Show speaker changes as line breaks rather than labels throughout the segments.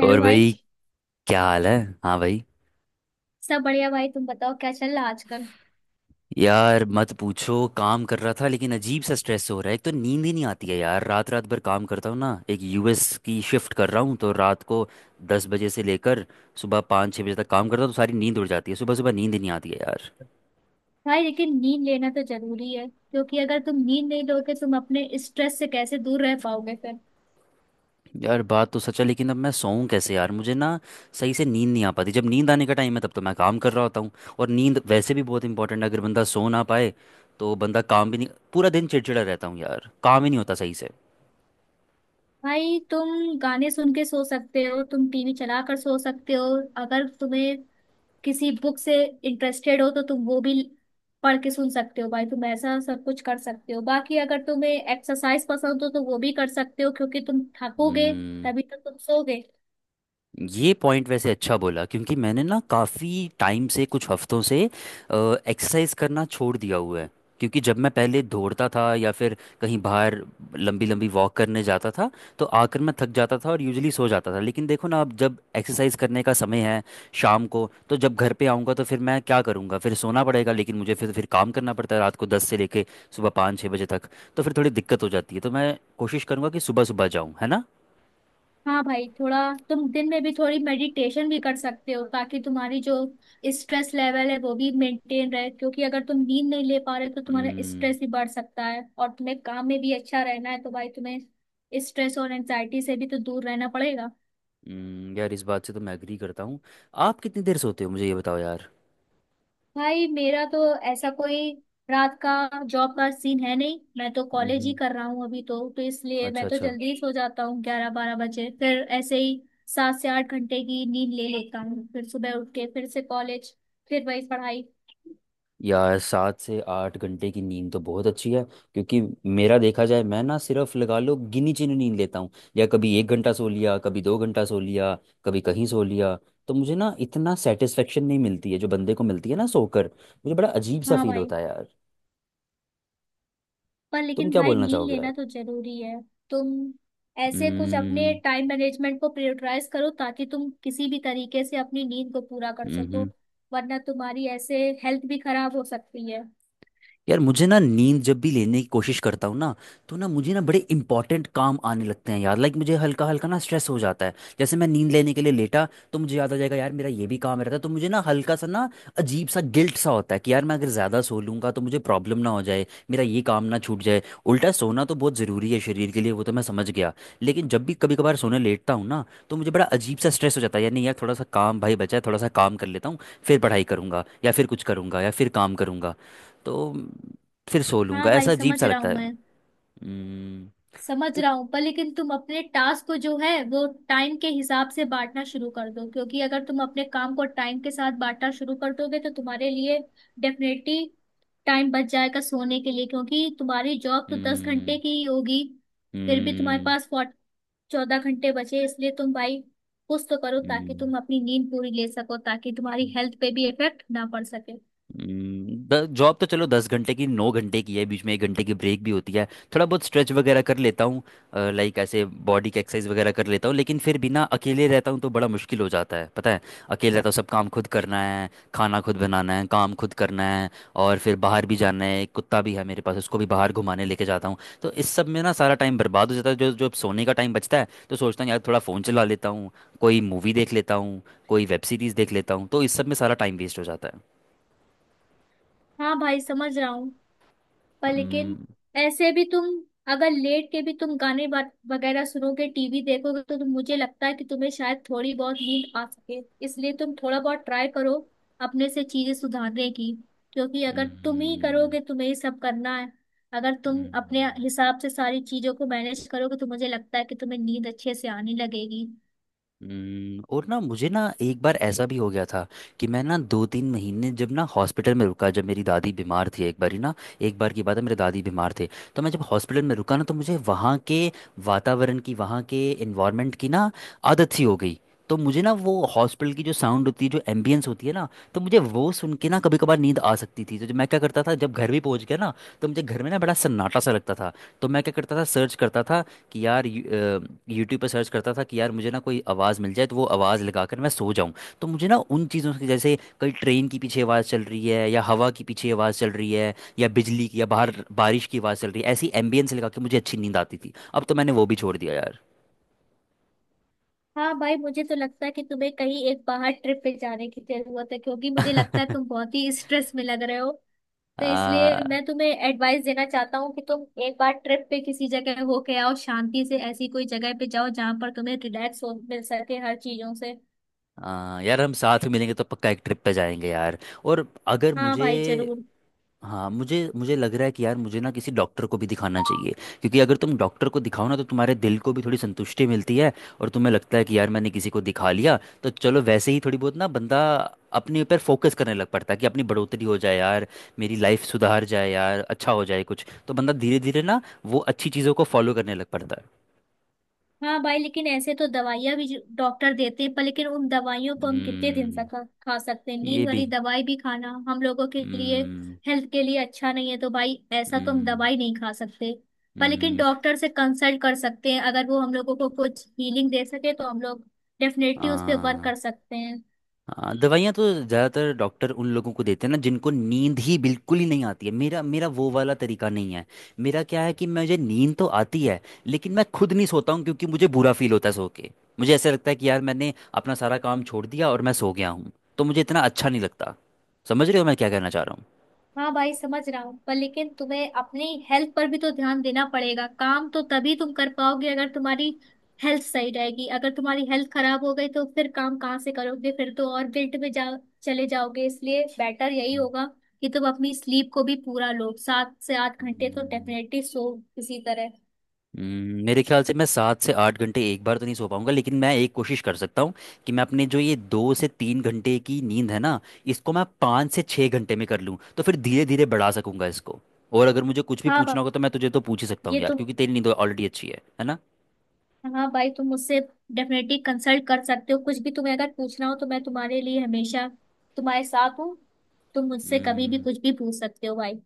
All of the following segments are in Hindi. हेलो
और
भाई।
भाई, क्या हाल है। हाँ भाई।
सब बढ़िया भाई, तुम बताओ क्या चल रहा है आजकल?
यार मत पूछो, काम कर रहा था लेकिन अजीब सा स्ट्रेस हो रहा है। एक तो नींद ही नहीं आती है यार। रात रात भर काम करता हूँ ना, एक यूएस की शिफ्ट कर रहा हूँ तो रात को 10 बजे से लेकर सुबह 5-6 बजे तक काम करता हूँ, तो सारी नींद उड़ जाती है, सुबह सुबह नींद ही नहीं आती है यार।
भाई लेकिन नींद लेना तो जरूरी है, क्योंकि अगर तुम नींद नहीं लोगे तुम अपने स्ट्रेस से कैसे दूर रह पाओगे फिर?
यार बात तो सच है, लेकिन अब मैं सोऊं कैसे यार। मुझे ना सही से नींद नहीं आ पाती, जब नींद आने का टाइम है तब तो मैं काम कर रहा होता हूँ। और नींद वैसे भी बहुत इंपॉर्टेंट है, अगर बंदा सो ना पाए तो बंदा काम भी नहीं, पूरा दिन चिड़चिड़ा रहता हूँ यार, काम ही नहीं होता सही से।
भाई तुम गाने सुन के सो सकते हो, तुम टीवी चला कर सो सकते हो। अगर तुम्हें किसी बुक से इंटरेस्टेड हो तो तुम वो भी पढ़ के सुन सकते हो। भाई तुम ऐसा सब कुछ कर सकते हो। बाकी अगर तुम्हें एक्सरसाइज पसंद हो तो वो भी कर सकते हो, क्योंकि तुम थकोगे
हम्म।
तभी तो तुम सोगे।
ये पॉइंट वैसे अच्छा बोला, क्योंकि मैंने ना काफ़ी टाइम से, कुछ हफ्तों से एक्सरसाइज करना छोड़ दिया हुआ है। क्योंकि जब मैं पहले दौड़ता था या फिर कहीं बाहर लंबी लंबी वॉक करने जाता था, तो आकर मैं थक जाता था और यूजली सो जाता था। लेकिन देखो ना, अब जब एक्सरसाइज करने का समय है शाम को, तो जब घर पे आऊँगा तो फिर मैं क्या करूँगा, फिर सोना पड़ेगा। लेकिन मुझे फिर काम करना पड़ता है रात को 10 से लेके सुबह 5-6 बजे तक, तो फिर थोड़ी दिक्कत हो जाती है। तो मैं कोशिश करूँगा कि सुबह सुबह जाऊँ, है ना।
हाँ भाई, थोड़ा तुम दिन में भी थोड़ी मेडिटेशन भी कर सकते हो ताकि तुम्हारी जो स्ट्रेस लेवल है वो भी मेंटेन रहे। क्योंकि अगर तुम नींद नहीं ले पा रहे तो तुम्हारा
हम्म।
स्ट्रेस भी बढ़ सकता है, और तुम्हें काम में भी अच्छा रहना है, तो भाई तुम्हें स्ट्रेस और एंजाइटी से भी तो दूर रहना पड़ेगा।
यार इस बात से तो मैं एग्री करता हूँ। आप कितनी देर सोते हो, मुझे ये बताओ यार।
भाई मेरा तो ऐसा कोई रात का जॉब का सीन है नहीं, मैं तो कॉलेज ही
हम्म।
कर रहा हूँ अभी तो इसलिए
अच्छा
मैं तो
अच्छा।
जल्दी ही सो जाता हूँ 11 12 बजे, फिर ऐसे ही 7 से 8 घंटे की नींद ले लेता हूँ, फिर सुबह उठ के फिर से कॉलेज, फिर वही पढ़ाई।
यार 7 से 8 घंटे की नींद तो बहुत अच्छी है, क्योंकि मेरा देखा जाए मैं ना सिर्फ लगा लो गिनी चुनी नींद लेता हूँ, या कभी 1 घंटा सो लिया, कभी 2 घंटा सो लिया, कभी कहीं सो लिया। तो मुझे ना इतना सेटिस्फेक्शन नहीं मिलती है जो बंदे को मिलती है ना सोकर, मुझे बड़ा अजीब सा
हाँ
फील
भाई,
होता है यार।
पर
तुम
लेकिन
क्या
भाई
बोलना
नींद
चाहोगे
लेना
यार।
तो जरूरी है। तुम ऐसे कुछ अपने
हम्म।
टाइम मैनेजमेंट को प्रायोरिटाइज करो ताकि तुम किसी भी तरीके से अपनी नींद को पूरा कर सको,
हम्म।
वरना तुम्हारी ऐसे हेल्थ भी खराब हो सकती है।
यार मुझे ना नींद जब भी लेने की कोशिश करता हूँ ना, तो ना मुझे ना बड़े इंपॉर्टेंट काम आने लगते हैं यार, लाइक मुझे हल्का हल्का ना स्ट्रेस हो जाता है। जैसे मैं नींद लेने के लिए लेटा, तो मुझे याद आ जाएगा यार मेरा ये भी काम रहता है, तो मुझे ना हल्का सा ना अजीब सा गिल्ट सा होता है कि यार मैं अगर ज़्यादा सो लूंगा तो मुझे प्रॉब्लम ना हो जाए, मेरा ये काम ना छूट जाए। उल्टा सोना तो बहुत ज़रूरी है शरीर के लिए, वो तो मैं समझ गया। लेकिन जब भी कभी कभार सोने लेटता हूँ ना, तो मुझे बड़ा अजीब सा स्ट्रेस हो जाता है यार। नहीं यार, थोड़ा सा काम भाई बचा है, थोड़ा सा काम कर लेता हूँ, फिर पढ़ाई करूंगा या फिर कुछ करूंगा या फिर काम करूंगा, तो फिर सो
हाँ
लूंगा,
भाई,
ऐसा अजीब
समझ
सा
रहा
लगता
हूँ
है।
मैं,
हम्म।
समझ
तो।
रहा हूँ। पर लेकिन तुम अपने टास्क को जो है वो टाइम के हिसाब से बांटना शुरू कर दो, क्योंकि अगर तुम अपने काम को टाइम के साथ बांटना शुरू कर दोगे तो तुम्हारे लिए डेफिनेटली टाइम बच जाएगा सोने के लिए। क्योंकि तुम्हारी जॉब तो दस
हम्म।
घंटे की ही होगी, फिर भी तुम्हारे
हम्म।
पास फोर्ट 14 घंटे बचे, इसलिए तुम भाई कुछ तो करो ताकि
हम्म,
तुम अपनी नींद पूरी ले सको, ताकि तुम्हारी हेल्थ पे भी इफेक्ट ना पड़ सके।
जॉब तो चलो 10 घंटे की, 9 घंटे की है, बीच में 1 घंटे की ब्रेक भी होती है, थोड़ा बहुत स्ट्रेच वगैरह कर लेता हूँ, लाइक ऐसे बॉडी की एक्सरसाइज वगैरह कर लेता हूँ। लेकिन फिर भी ना अकेले रहता हूँ तो बड़ा मुश्किल हो जाता है, पता है। अकेले रहता हूँ, सब काम खुद करना है, खाना खुद बनाना है, काम खुद करना है, और फिर बाहर भी जाना है, एक कुत्ता भी है मेरे पास, उसको भी बाहर घुमाने लेके जाता हूँ, तो इस सब में ना सारा टाइम बर्बाद हो जाता है। जो जो सोने का टाइम बचता है तो सोचता हूँ यार थोड़ा फ़ोन चला लेता हूँ, कोई मूवी देख लेता हूँ, कोई वेब सीरीज़ देख लेता हूँ, तो इस सब में सारा टाइम वेस्ट हो जाता है।
हाँ भाई, समझ रहा हूँ। पर लेकिन
हम्म।
ऐसे भी तुम अगर लेट के भी तुम गाने वगैरह सुनोगे टीवी देखोगे तो तुम, मुझे लगता है कि तुम्हें शायद थोड़ी बहुत नींद आ सके। इसलिए तुम थोड़ा बहुत ट्राई करो अपने से चीजें सुधारने की, क्योंकि अगर तुम ही
हम्म।
करोगे, तुम्हें ही सब करना है। अगर तुम
हम्म।
अपने हिसाब से सारी चीजों को मैनेज करोगे तो मुझे लगता है कि तुम्हें नींद अच्छे से आने लगेगी।
हम्म। और ना मुझे ना एक बार ऐसा भी हो गया था, कि मैं ना 2-3 महीने जब ना हॉस्पिटल में रुका, जब मेरी दादी बीमार थी, एक बार ही ना, एक बार की बात है, मेरे दादी बीमार थे, तो मैं जब हॉस्पिटल में रुका ना, तो मुझे वहाँ के वातावरण की, वहाँ के इन्वायरमेंट की ना आदत सी हो गई। तो मुझे ना वो हॉस्पिटल की जो साउंड होती है, जो एम्बियंस होती है ना, तो मुझे वो सुन के ना कभी कभार नींद आ सकती थी। तो जब मैं क्या करता था, जब घर भी पहुंच गया ना, तो मुझे घर में ना बड़ा सन्नाटा सा लगता था। तो मैं क्या करता था, सर्च करता था कि यार, यूट्यूब पे सर्च करता था कि यार मुझे ना कोई आवाज़ मिल जाए तो वो आवाज़ लगाकर मैं सो जाऊं। तो मुझे ना उन चीज़ों की, जैसे कहीं ट्रेन की पीछे आवाज़ चल रही है, या हवा की पीछे आवाज़ चल रही है या बिजली की, या बाहर बारिश की आवाज़ चल रही है, ऐसी एम्बियंस लगा के मुझे अच्छी नींद आती थी। अब तो मैंने वो भी छोड़ दिया यार।
हाँ भाई, मुझे तो लगता है कि तुम्हें कहीं एक बाहर ट्रिप पे जाने की जरूरत है, क्योंकि मुझे लगता है तुम बहुत ही स्ट्रेस में लग रहे हो। तो इसलिए
आ,
मैं तुम्हें एडवाइस देना चाहता हूँ कि तुम एक बार ट्रिप पे किसी जगह होके आओ, शांति से ऐसी कोई जगह पे जाओ जहाँ पर तुम्हें रिलैक्स हो मिल सके हर चीजों से।
यार हम साथ में मिलेंगे तो पक्का एक ट्रिप पे जाएंगे यार। और अगर
हाँ
मुझे,
भाई जरूर।
हाँ मुझे, मुझे लग रहा है कि यार मुझे ना किसी डॉक्टर को भी दिखाना चाहिए, क्योंकि अगर तुम डॉक्टर को दिखाओ ना तो तुम्हारे दिल को भी थोड़ी संतुष्टि मिलती है, और तुम्हें लगता है कि यार मैंने किसी को दिखा लिया, तो चलो वैसे ही थोड़ी बहुत ना बंदा अपने ऊपर फोकस करने लग पड़ता है, कि अपनी बढ़ोतरी हो जाए यार, मेरी लाइफ सुधार जाए यार, अच्छा हो जाए कुछ, तो बंदा धीरे धीरे ना वो अच्छी चीज़ों को फॉलो करने लग पड़ता है।
हाँ भाई, लेकिन ऐसे तो दवाइयाँ भी डॉक्टर देते हैं, पर लेकिन उन दवाइयों को हम कितने दिन तक
हम्म।
खा खा सकते हैं?
ये
नींद
भी।
वाली दवाई भी खाना हम लोगों के लिए
हम्म।
हेल्थ के लिए अच्छा नहीं है, तो भाई ऐसा तो हम
हम्म।
दवाई नहीं खा सकते। पर लेकिन
हम्म।
डॉक्टर से कंसल्ट कर सकते हैं, अगर वो हम लोगों को कुछ हीलिंग दे सके तो हम लोग डेफिनेटली उस पर वर्क
हाँ।
कर सकते हैं।
हाँ, दवाइयाँ तो ज़्यादातर डॉक्टर उन लोगों को देते हैं ना जिनको नींद ही बिल्कुल ही नहीं आती है। मेरा मेरा वो वाला तरीका नहीं है। मेरा क्या है कि मुझे नींद तो आती है, लेकिन मैं खुद नहीं सोता हूँ क्योंकि मुझे बुरा फील होता है सो के। मुझे ऐसा लगता है कि यार मैंने अपना सारा काम छोड़ दिया और मैं सो गया हूँ, तो मुझे इतना अच्छा नहीं लगता। समझ रहे हो मैं क्या कहना चाह रहा हूँ।
हाँ भाई, समझ रहा हूँ। पर लेकिन तुम्हें अपनी हेल्थ पर भी तो ध्यान देना पड़ेगा। काम तो तभी तुम कर पाओगे अगर तुम्हारी हेल्थ सही रहेगी। अगर तुम्हारी हेल्थ खराब हो गई तो फिर काम कहाँ से करोगे, फिर तो और गिल्ट में जा चले जाओगे। इसलिए बेटर यही होगा कि तुम अपनी स्लीप को भी पूरा लो, 7 से 8 घंटे तो
हम्म।
डेफिनेटली सो किसी तरह।
मेरे ख्याल से मैं 7 से 8 घंटे एक बार तो नहीं सो पाऊंगा, लेकिन मैं एक कोशिश कर सकता हूँ कि मैं अपने जो ये 2 से 3 घंटे की नींद है ना, इसको मैं 5 से 6 घंटे में कर लूँ, तो फिर धीरे धीरे बढ़ा सकूंगा इसको। और अगर मुझे कुछ भी
हाँ भाई,
पूछना होगा तो मैं तुझे तो पूछ ही सकता हूँ
ये
यार,
तो,
क्योंकि तेरी नींद ऑलरेडी अच्छी है ना।
हाँ भाई तुम मुझसे डेफिनेटली कंसल्ट कर सकते हो। कुछ भी तुम्हें अगर पूछना हो तो मैं तुम्हारे लिए हमेशा, तुम्हारे साथ हूँ। तुम मुझसे कभी भी
हम्म।
कुछ भी पूछ सकते हो भाई।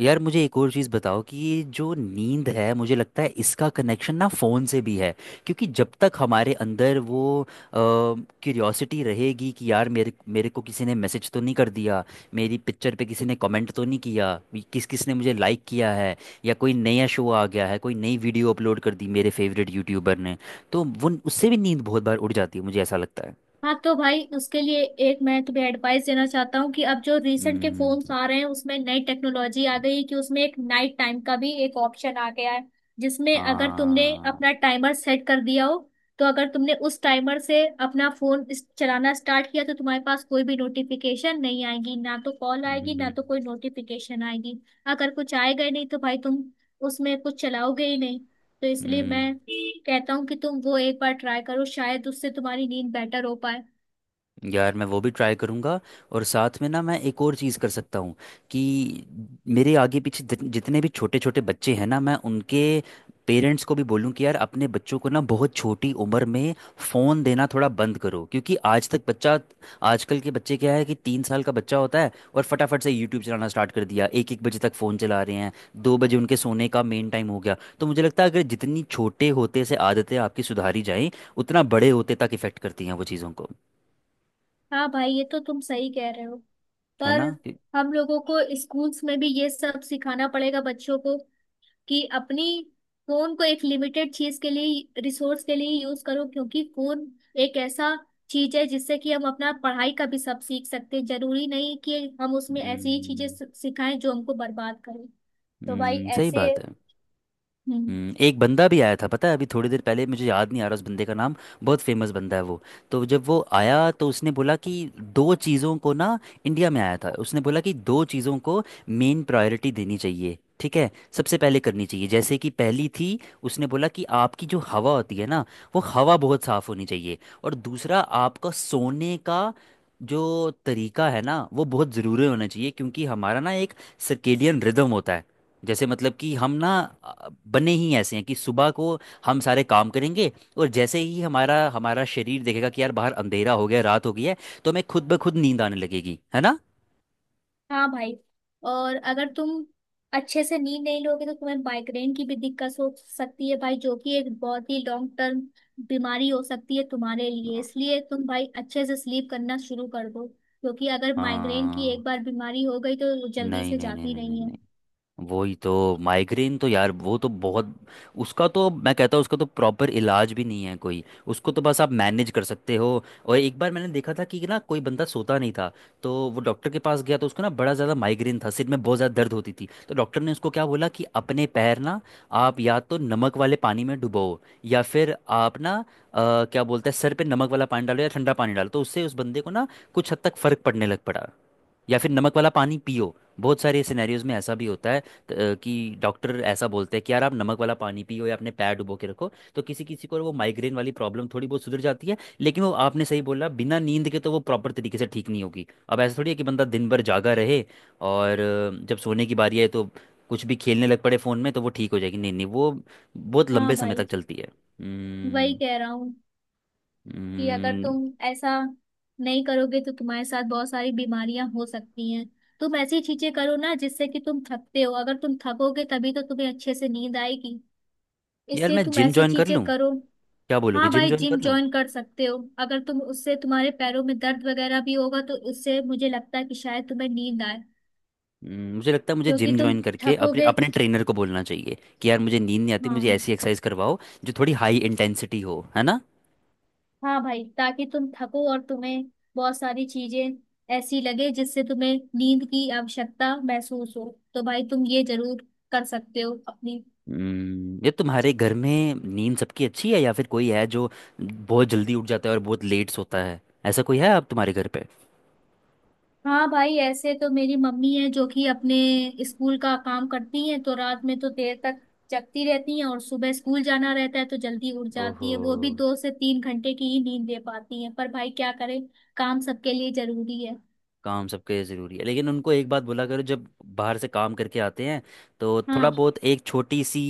यार मुझे एक और चीज़ बताओ, कि ये जो नींद है, मुझे लगता है इसका कनेक्शन ना फ़ोन से भी है। क्योंकि जब तक हमारे अंदर वो क्यूरियोसिटी रहेगी कि यार मेरे मेरे को किसी ने मैसेज तो नहीं कर दिया, मेरी पिक्चर पे किसी ने कमेंट तो नहीं किया, किस किस ने मुझे लाइक किया है, या कोई नया शो आ गया है, कोई नई वीडियो अपलोड कर दी मेरे फेवरेट यूट्यूबर ने, तो वो उससे भी नींद बहुत बार उड़ जाती है, मुझे ऐसा लगता है।
हाँ तो भाई उसके लिए एक मैं तुम्हें एडवाइस देना चाहता हूँ, कि अब जो रिसेंट के
हम्म।
फोन्स आ रहे हैं उसमें नई टेक्नोलॉजी आ गई है कि उसमें एक नाइट टाइम का भी एक ऑप्शन आ गया है, जिसमें अगर तुमने
हाँ।
अपना टाइमर सेट कर दिया हो तो अगर तुमने उस टाइमर से अपना फोन चलाना स्टार्ट किया, तो तुम्हारे पास कोई भी नोटिफिकेशन नहीं आएगी, ना तो कॉल आएगी ना
हम्म।
तो कोई नोटिफिकेशन आएगी। अगर कुछ आएगा ही नहीं तो भाई तुम उसमें कुछ चलाओगे ही नहीं। तो इसलिए
हम्म।
मैं कहता हूँ कि तुम वो एक बार ट्राई करो, शायद उससे तुम्हारी नींद बेटर हो पाए।
यार मैं वो भी ट्राई करूँगा, और साथ में ना मैं एक और चीज़ कर सकता हूँ, कि मेरे आगे पीछे जितने भी छोटे छोटे बच्चे हैं ना, मैं उनके पेरेंट्स को भी बोलूँ कि यार अपने बच्चों को ना बहुत छोटी उम्र में फ़ोन देना थोड़ा बंद करो, क्योंकि आज तक बच्चा, आजकल के बच्चे क्या है, कि 3 साल का बच्चा होता है और फटाफट से यूट्यूब चलाना स्टार्ट कर दिया, एक एक बजे तक फ़ोन चला रहे हैं, 2 बजे उनके सोने का मेन टाइम हो गया। तो मुझे लगता है अगर जितनी छोटे होते से आदतें आपकी सुधारी जाएं, उतना बड़े होते तक इफ़ेक्ट करती हैं वो चीज़ों को,
हाँ भाई ये तो तुम सही कह रहे हो।
है
पर
ना।
हम लोगों को स्कूल्स में भी ये सब सिखाना पड़ेगा बच्चों को, कि अपनी फोन को एक लिमिटेड चीज के लिए, रिसोर्स के लिए यूज करो, क्योंकि फोन एक ऐसा चीज है जिससे कि हम अपना पढ़ाई का भी सब सीख सकते हैं। जरूरी नहीं कि हम उसमें ऐसी ही चीजें
हम्म।
सिखाएं जो हमको बर्बाद करें। तो भाई
सही
ऐसे।
बात है।
हम्म।
एक बंदा भी आया था पता है, अभी थोड़ी देर पहले, मुझे याद नहीं आ रहा उस बंदे का नाम, बहुत फेमस बंदा है वो, तो जब वो आया तो उसने बोला कि दो चीज़ों को ना, इंडिया में आया था, उसने बोला कि दो चीज़ों को मेन प्रायोरिटी देनी चाहिए, ठीक है, सबसे पहले करनी चाहिए। जैसे कि पहली थी, उसने बोला कि आपकी जो हवा होती है ना, वो हवा बहुत साफ़ होनी चाहिए। और दूसरा आपका सोने का जो तरीका है ना, वो बहुत ज़रूरी होना चाहिए, क्योंकि हमारा ना एक सर्केडियन रिदम होता है। जैसे मतलब कि हम ना बने ही ऐसे हैं कि सुबह को हम सारे काम करेंगे, और जैसे ही हमारा हमारा शरीर देखेगा कि यार बाहर अंधेरा हो गया, रात हो गई है, तो हमें खुद ब खुद नींद आने लगेगी, है ना।
हाँ भाई, और अगर तुम अच्छे से नींद नहीं लोगे तो तुम्हें माइग्रेन की भी दिक्कत हो सकती है भाई, जो कि एक बहुत ही लॉन्ग टर्म बीमारी हो सकती है तुम्हारे लिए।
हाँ।
इसलिए तुम भाई अच्छे से स्लीप करना शुरू कर दो, क्योंकि अगर माइग्रेन की
हाँ।
एक बार बीमारी हो गई तो वो जल्दी
नहीं
से
नहीं नहीं
जाती
नहीं
नहीं है।
नहीं, वही तो। माइग्रेन तो यार वो तो बहुत, उसका तो मैं कहता हूँ उसका तो प्रॉपर इलाज भी नहीं है कोई, उसको तो बस आप मैनेज कर सकते हो। और एक बार मैंने देखा था कि ना कोई बंदा सोता नहीं था, तो वो डॉक्टर के पास गया, तो उसको ना बड़ा ज़्यादा माइग्रेन था, सिर में बहुत ज़्यादा दर्द होती थी, तो डॉक्टर ने उसको क्या बोला, कि अपने पैर ना आप या तो नमक वाले पानी में डुबो, या फिर आप ना क्या बोलते हैं, सर पे नमक वाला पानी डालो या ठंडा पानी डालो, तो उससे उस बंदे को ना कुछ हद तक फ़र्क पड़ने लग पड़ा। या फिर नमक वाला पानी पियो, बहुत सारे सिनेरियोज में ऐसा भी होता है कि डॉक्टर ऐसा बोलते हैं कि यार आप नमक वाला पानी पियो या अपने पैर डुबो के रखो, तो किसी किसी को वो माइग्रेन वाली प्रॉब्लम थोड़ी बहुत सुधर जाती है। लेकिन वो आपने सही बोला, बिना नींद के तो वो प्रॉपर तरीके से ठीक नहीं होगी। अब ऐसा थोड़ी है कि बंदा दिन भर जागा रहे और जब सोने की बारी आए तो कुछ भी खेलने लग पड़े फ़ोन में तो वो ठीक हो जाएगी, नहीं नहीं, वो बहुत
हाँ
लंबे समय
भाई,
तक चलती है।
वही
हम्म।
कह रहा हूँ, कि अगर
हम्म,
तुम ऐसा नहीं करोगे तो तुम्हारे साथ बहुत सारी बीमारियां हो सकती हैं। तुम ऐसी चीजें करो ना, जिससे कि तुम थकते हो, अगर तुम थकोगे तभी तो तुम्हें अच्छे से नींद आएगी।
यार
इसलिए
मैं
तुम
जिम
ऐसी
ज्वाइन कर
चीजें
लूँ,
करो।
क्या बोलोगे,
हाँ
जिम
भाई,
ज्वाइन
जिम
कर लूँ।
ज्वाइन कर सकते हो, अगर तुम उससे, तुम्हारे पैरों में दर्द वगैरह भी होगा तो उससे मुझे लगता है कि शायद तुम्हें नींद आए,
मुझे लगता है मुझे
क्योंकि
जिम
तुम
ज्वाइन करके अपने
थकोगे।
अपने ट्रेनर को बोलना चाहिए कि यार मुझे नींद नहीं आती, मुझे
हाँ।
ऐसी एक्सरसाइज करवाओ जो थोड़ी हाई इंटेंसिटी हो, है ना।
हाँ भाई ताकि तुम थको और तुम्हें बहुत सारी चीजें ऐसी लगे जिससे तुम्हें नींद की आवश्यकता महसूस हो। तो भाई तुम ये जरूर कर सकते हो अपनी।
ये तुम्हारे घर में नींद सबकी अच्छी है, या फिर कोई है जो बहुत जल्दी उठ जाता है और बहुत लेट सोता है, ऐसा कोई है आप तुम्हारे घर पे।
हाँ भाई, ऐसे तो मेरी मम्मी है जो कि अपने स्कूल का काम करती हैं, तो रात में तो देर तक जगती रहती हैं, और सुबह स्कूल जाना रहता है तो जल्दी उठ जाती
ओहो।
है, वो भी 2 से 3 घंटे की ही नींद ले पाती हैं। पर भाई क्या करें, काम सबके लिए जरूरी है।
काम सबके ज़रूरी है, लेकिन उनको एक बात बोला करो, जब बाहर से काम करके आते हैं तो थोड़ा
हाँ।
बहुत एक छोटी सी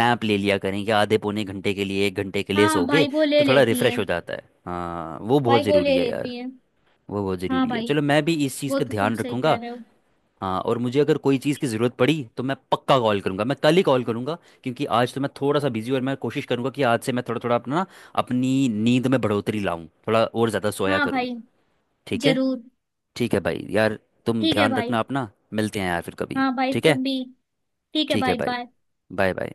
नैप ले लिया करें, कि आधे पौने घंटे के लिए, 1 घंटे के लिए सो
हाँ
गए
भाई वो ले
तो थोड़ा
लेती
रिफ़्रेश
हैं।
हो जाता है, हाँ वो बहुत
भाई वो
ज़रूरी
ले
है यार।
लेती हैं।
वो बहुत
हाँ
ज़रूरी है।
भाई,
चलो मैं भी इस चीज़
वो
पे
तो तुम
ध्यान
सही कह
रखूंगा।
रहे हो।
हाँ, और मुझे अगर कोई चीज़ की ज़रूरत पड़ी तो मैं पक्का कॉल करूंगा, मैं कल ही कॉल करूंगा, क्योंकि आज तो मैं थोड़ा सा बिजी हूं। और मैं कोशिश करूंगा कि आज से मैं थोड़ा थोड़ा अपना अपनी नींद में बढ़ोतरी लाऊं, थोड़ा और ज़्यादा सोया
हाँ
करूं।
भाई
ठीक है।
जरूर।
ठीक है भाई यार, तुम
ठीक है
ध्यान
भाई।
रखना अपना, मिलते हैं यार फिर कभी।
हाँ भाई
ठीक है।
तुम भी। ठीक है
ठीक है
भाई,
भाई।
बाय।
Bye bye.